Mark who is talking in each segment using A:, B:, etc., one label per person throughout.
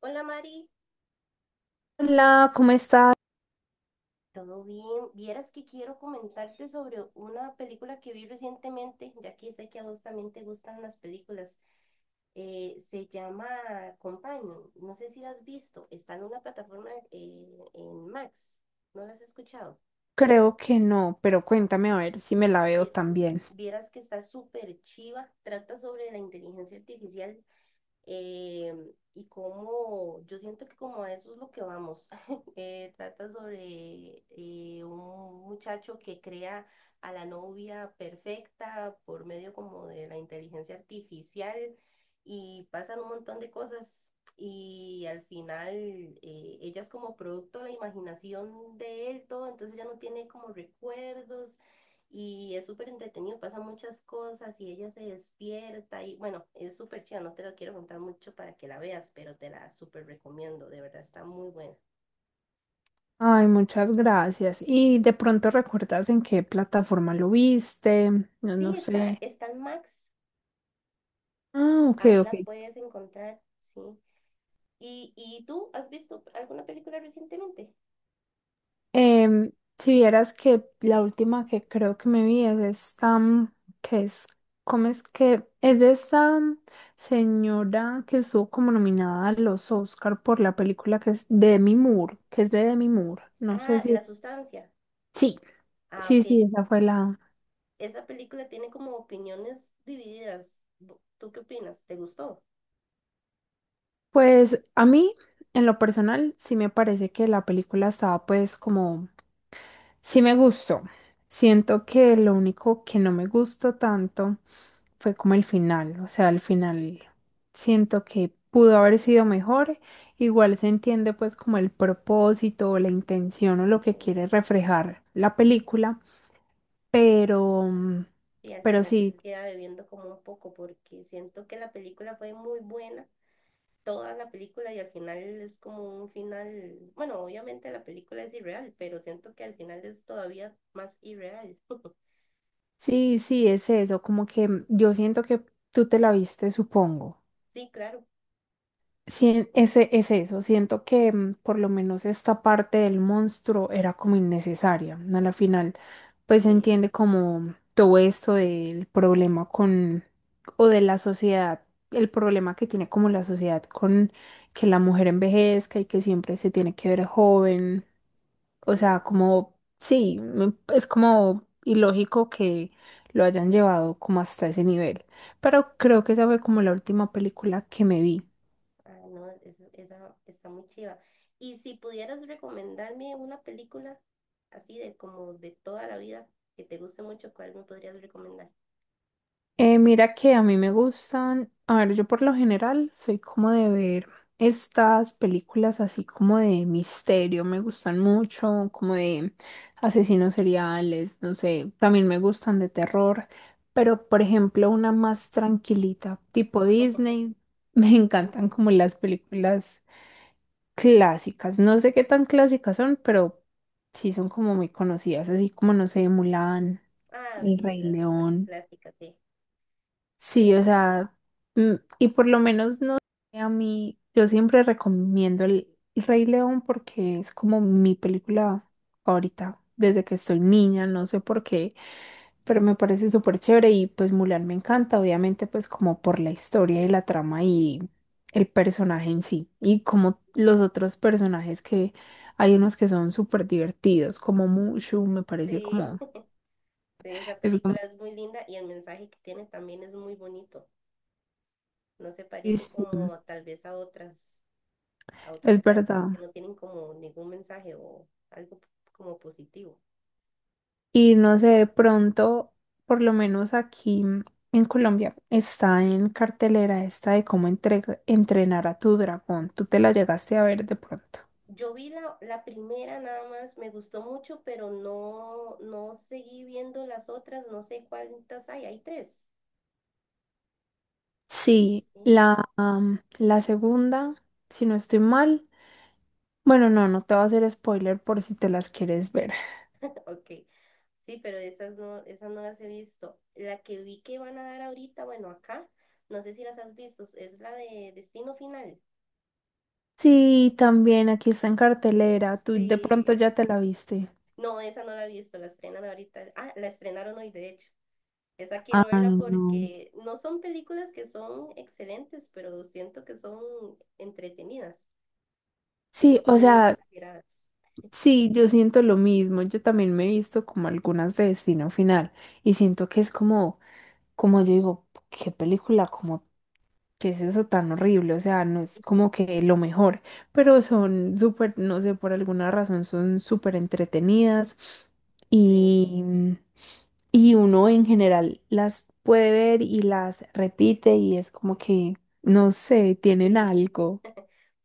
A: Hola Mari,
B: Hola, ¿cómo estás?
A: ¿todo bien? Vieras que quiero comentarte sobre una película que vi recientemente, ya que sé que a vos también te gustan las películas. Se llama Companion, no sé si la has visto, está en una plataforma en Max. ¿No la has escuchado?
B: Creo que no, pero cuéntame a ver si me la veo
A: Vie-
B: también.
A: Vieras que está súper chiva, trata sobre la inteligencia artificial y como yo siento que como a eso es lo que vamos. Trata sobre un muchacho que crea a la novia perfecta por medio como de la inteligencia artificial y pasan un montón de cosas y al final ella es como producto de la imaginación de él todo, entonces ya no tiene como recuerdos y es súper entretenido, pasan muchas cosas y ella se despierta y bueno, es súper chida, no te lo quiero contar mucho para que la veas, pero te la súper recomiendo, de verdad está muy buena.
B: Ay, muchas gracias. ¿Y de pronto recuerdas en qué plataforma lo viste? No, no
A: Sí,
B: sé.
A: está en Max,
B: Ah, ok,
A: ahí
B: ok.
A: la puedes encontrar, sí. ¿Y tú has visto alguna película recientemente?
B: Em, si vieras que la última que creo que me vi es esta, que es, ¿cómo es que? Es de esta señora que estuvo como nominada a los Oscar por la película que es de Demi Moore, que es de Demi Moore. No sé
A: Ah, La
B: si...
A: Sustancia.
B: Sí,
A: Ah,
B: sí,
A: ok.
B: sí, esa fue la...
A: Esa película tiene como opiniones divididas. ¿Tú qué opinas? ¿Te gustó?
B: Pues a mí, en lo personal, sí me parece que la película estaba pues como, sí me gustó. Siento que lo único que no me gustó tanto fue como el final, o sea, el final siento que pudo haber sido mejor. Igual se entiende pues como el propósito o la intención o lo
A: Sí,
B: que quiere reflejar la película. Pero,
A: sí, al
B: pero
A: final
B: sí,
A: queda bebiendo como un poco porque siento que la película fue muy buena toda la película y al final es como un final, bueno, obviamente la película es irreal, pero siento que al final es todavía más irreal.
B: sí, es eso, como que yo siento que tú te la viste, supongo.
A: Sí, claro,
B: Sí, ese es eso. Siento que por lo menos esta parte del monstruo era como innecesaria, ¿no? A la final, pues se
A: sí,
B: entiende como todo esto del problema con, o de la sociedad, el problema que tiene como la sociedad con que la mujer envejezca y que siempre se tiene que ver joven. O sea,
A: sí,
B: como, sí, es como ilógico que lo hayan llevado como hasta ese nivel. Pero creo que esa fue como la última película que me vi.
A: ah, no, es- esa está muy chiva. Y si pudieras recomendarme una película así de como de toda la vida que te guste mucho, ¿cuál me podrías recomendar?
B: Mira que a mí me gustan, a ver, yo por lo general soy como de ver estas películas así como de misterio, me gustan mucho, como de asesinos seriales, no sé, también me gustan de terror, pero por ejemplo una más tranquilita, tipo Disney, me encantan
A: Ujú.
B: como las películas clásicas, no sé qué tan clásicas son, pero sí son como muy conocidas, así como no sé, Mulan,
A: Ah,
B: El
A: sí,
B: Rey
A: las
B: León.
A: clásicas, sí, qué
B: Sí, o
A: bonito.
B: sea, mm, y por lo menos no sé, a mí, yo siempre recomiendo el Rey León porque es como mi película favorita desde que estoy niña, no sé por qué, pero me parece súper chévere y pues Mulan me encanta, obviamente pues como por la historia y la trama y el personaje en sí y como los otros personajes que hay unos que son súper divertidos, como Mushu, me parece
A: Sí,
B: como,
A: sí, esa
B: es como,
A: película es muy linda y el mensaje que tiene también es muy bonito. No se
B: sí,
A: parece
B: sí,
A: como tal vez a otras, a otros
B: es
A: clásicos
B: verdad.
A: que no tienen como ningún mensaje o algo como positivo.
B: Y no sé, de pronto, por lo menos aquí en Colombia, está en cartelera esta de cómo entrenar a tu dragón. Tú te la llegaste a ver de pronto.
A: Yo vi la primera nada más, me gustó mucho, pero no, no seguí viendo las otras, no sé cuántas hay, hay tres.
B: Sí,
A: Ok,
B: la, la segunda, si no estoy mal. Bueno, no, no te voy a hacer spoiler por si te las quieres ver.
A: ok, sí, pero esas no las he visto. La que vi que van a dar ahorita, bueno, acá, no sé si las has visto, es la de Destino Final.
B: Sí, también aquí está en cartelera. Tú de pronto
A: Sí,
B: ya te la viste.
A: no, esa no la he visto, la estrenan ahorita. Ah, la estrenaron hoy, de hecho. Esa quiero
B: Ay,
A: verla
B: no.
A: porque no son películas que son excelentes, pero siento que son entretenidas,
B: Sí,
A: son
B: o
A: muy
B: sea,
A: exageradas.
B: sí, yo siento lo mismo. Yo también me he visto como algunas de Destino Final y siento que es como, como yo digo, qué película, como qué es eso tan horrible. O sea, no es como que lo mejor, pero son súper, no sé, por alguna razón son súper entretenidas
A: Sí,
B: y, y uno en general las puede ver y las repite y es como que, no sé, tienen
A: sí,
B: algo.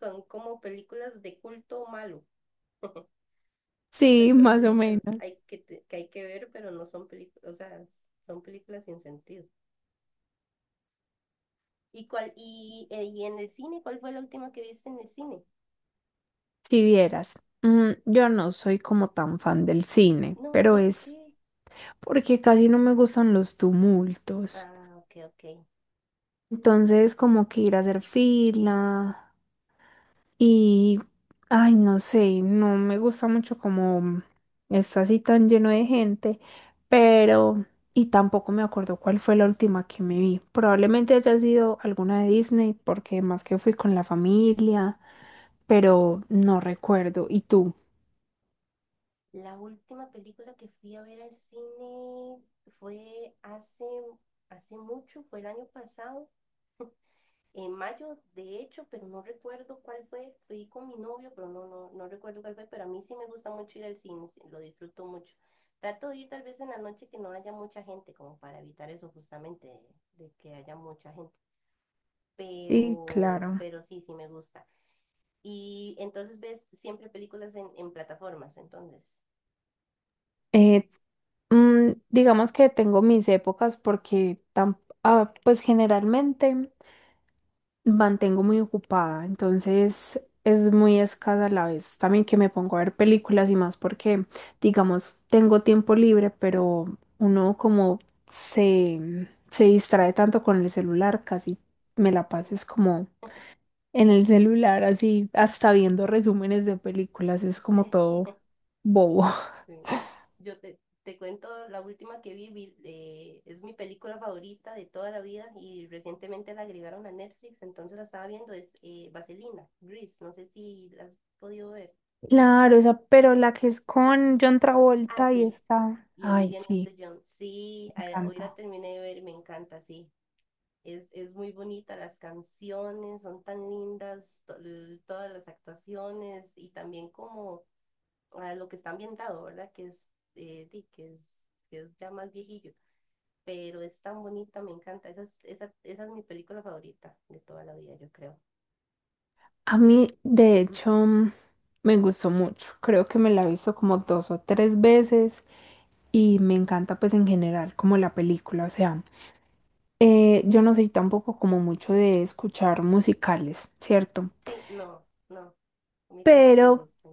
A: son como películas de culto malo. No sé,
B: Sí,
A: son
B: más o
A: películas
B: menos.
A: que hay que ver, pero no son películas, o sea, son películas sin sentido. ¿Y en el cine, ¿cuál fue la última que viste en el cine?
B: Si vieras, yo no soy como tan fan del cine,
A: No,
B: pero
A: ¿por
B: es
A: qué?
B: porque casi no me gustan los tumultos.
A: Ah, ok,
B: Entonces, como que ir a hacer fila
A: ok.
B: y, ay, no sé, no me gusta mucho como está así tan lleno de gente, pero, y tampoco me acuerdo cuál fue la última que me vi. Probablemente haya sido alguna de Disney, porque más que fui con la familia, pero no recuerdo. ¿Y tú?
A: La última película que fui a ver al cine fue hace mucho, fue el año pasado, en mayo de hecho, pero no recuerdo cuál fue. Fui con mi novio, pero no, no, no recuerdo cuál fue, pero a mí sí me gusta mucho ir al cine, sí, lo disfruto mucho. Trato de ir tal vez en la noche que no haya mucha gente, como para evitar eso justamente, de que haya mucha gente.
B: Sí, claro.
A: Pero sí, sí me gusta. Y entonces ves siempre películas en plataformas, entonces.
B: Eh, digamos que tengo mis épocas porque ah, pues generalmente mantengo muy ocupada, entonces es muy escasa la vez también que me pongo a ver películas y más porque, digamos, tengo tiempo libre, pero uno como se distrae tanto con el celular, casi
A: Sí,
B: me la paso es como en el celular, así hasta viendo resúmenes de películas, es como
A: sí.
B: todo bobo.
A: Sí. Te cuento la última que Es mi película favorita de toda la vida y recientemente la agregaron a Netflix, entonces la estaba viendo, es Vaselina, Grease, no sé si la has podido ver.
B: Claro, esa, pero la que es con John
A: Ah,
B: Travolta y
A: sí,
B: está.
A: y
B: Ay,
A: Olivia
B: sí,
A: Newton-John, sí,
B: me
A: hoy la
B: encanta.
A: terminé de ver, me encanta, sí. Es muy bonita, las canciones son tan lindas, todas las actuaciones y también como ah, lo que está ambientado, ¿verdad? Eh, di, que es, que es ya más viejillo. Pero es tan bonita, me encanta. Esa es mi película favorita de toda la vida, yo creo.
B: A
A: Sí,
B: mí, de hecho, me gustó mucho. Creo que me la he visto como dos o tres veces y me encanta pues en general como la película. O sea, yo no soy tampoco como mucho de escuchar musicales, ¿cierto?
A: sí, no, no, a mí tampoco me
B: Pero
A: gusta.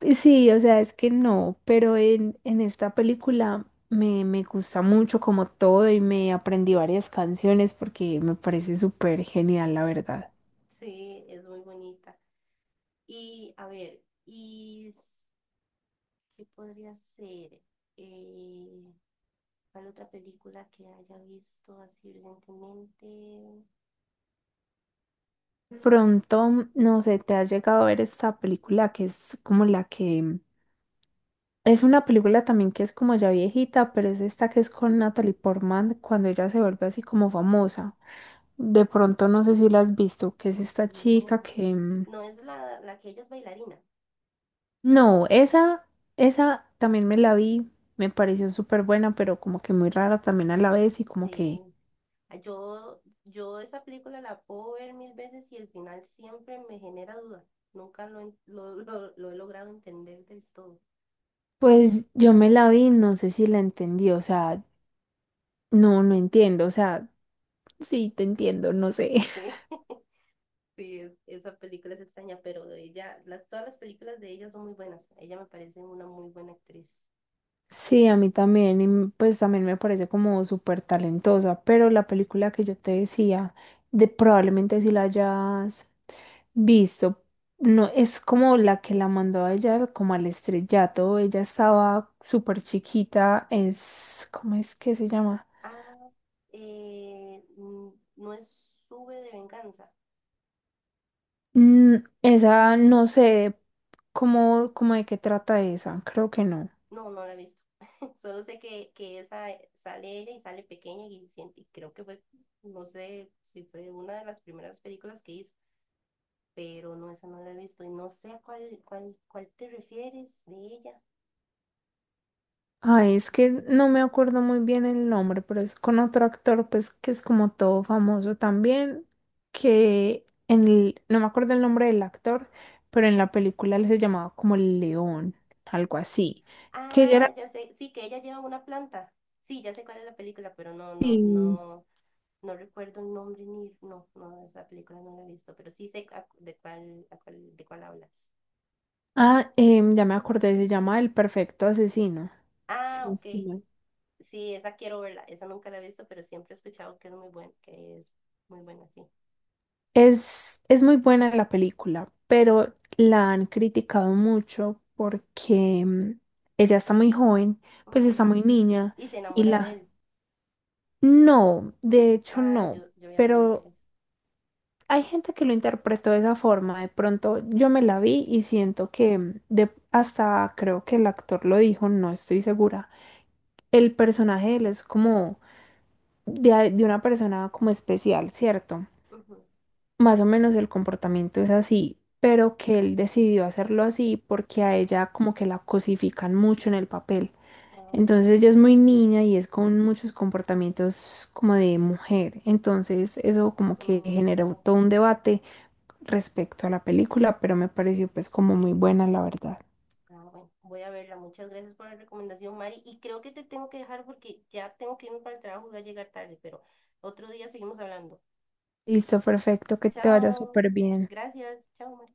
B: sí, o sea, es que no, pero en esta película me gusta mucho como todo y me aprendí varias canciones porque me parece súper genial, la verdad.
A: Sí, es muy bonita. Y a ver, ¿qué podría ser? Eh, ¿Cuál otra película que haya visto así recientemente?
B: De pronto, no sé, te has llegado a ver esta película que es como la que... Es una película también que es como ya viejita, pero es esta que es con Natalie Portman cuando ella se vuelve así como famosa. De pronto, no sé si la has visto, que es esta chica
A: No,
B: que...
A: no es la que ella es bailarina. Eh,
B: No, esa también me la vi, me pareció súper buena, pero como que muy rara también a la vez y como
A: sí.
B: que,
A: Yo esa película la puedo ver mil veces y el final siempre me genera duda. Nunca lo, en- lo, lo- Lo he logrado entender del todo.
B: pues yo me la vi, no sé si la entendí, o sea, no, no entiendo, o sea, sí, te entiendo, no sé.
A: Sí, sí, esa película es extraña, pero ella, todas las películas de ella son muy buenas. Ella me parece una muy buena actriz.
B: Sí, a mí también, y pues también me parece como súper talentosa, pero la película que yo te decía, de probablemente si la hayas visto, no es como la que la mandó a ella como al estrellato, ella estaba súper chiquita, es, ¿cómo es que se llama?
A: Ah, eh, mm, no es Sube de Venganza.
B: Mm, esa, no sé, cómo, cómo de qué trata esa, creo que no.
A: No, no la he visto. Solo sé que esa sale ella y sale pequeña y, creo que fue, no sé si fue una de las primeras películas que hizo. Pero no, esa no la he visto y no sé a cuál te refieres de ella.
B: Ay, es que no me acuerdo muy bien el nombre, pero es con otro actor, pues que es como todo famoso también, que en el, no me acuerdo el nombre del actor, pero en la película él se llamaba como el León, algo así, que ya era...
A: Ah, ya sé, sí, que ella lleva una planta. Sí, ya sé cuál es la película, pero no, no,
B: sí.
A: no, no recuerdo el nombre ni, no, no, esa película no la he visto, pero sí sé a- de cuál, a cuál- de cuál hablas.
B: Ah, ya me acordé, se llama El Perfecto Asesino.
A: Ah,
B: Sí,
A: ok,
B: sí,
A: sí, esa quiero verla, esa nunca la he visto, pero siempre he escuchado que es muy buena, que es muy buena, sí.
B: es muy buena la película, pero la han criticado mucho porque ella está muy joven, pues está
A: Ujú.
B: muy niña
A: Y se
B: y
A: enamora de
B: la...
A: él.
B: No, de hecho
A: Ah,
B: no,
A: yo había leído
B: pero
A: que es.
B: hay gente que lo interpretó de esa forma. De pronto yo me la vi y siento que de, hasta creo que el actor lo dijo, no estoy segura. El personaje de él es como de, de una persona como especial, ¿cierto?
A: Ujú.
B: Más o menos el comportamiento es así, pero que él decidió hacerlo así porque a ella como que la cosifican mucho en el papel.
A: Ah,
B: Entonces
A: ok.
B: ella es muy niña y es con muchos comportamientos como de mujer. Entonces eso como que
A: Mm,
B: generó
A: ok.
B: todo un debate respecto a la película, pero me pareció pues como muy buena la verdad.
A: Ah, bueno, voy a verla. Muchas gracias por la recomendación, Mari. Y creo que te tengo que dejar porque ya tengo que irme para el trabajo, voy a llegar tarde, pero otro día seguimos hablando.
B: Listo, perfecto, que te vaya
A: Chao.
B: súper bien.
A: Gracias. Chao, Mari.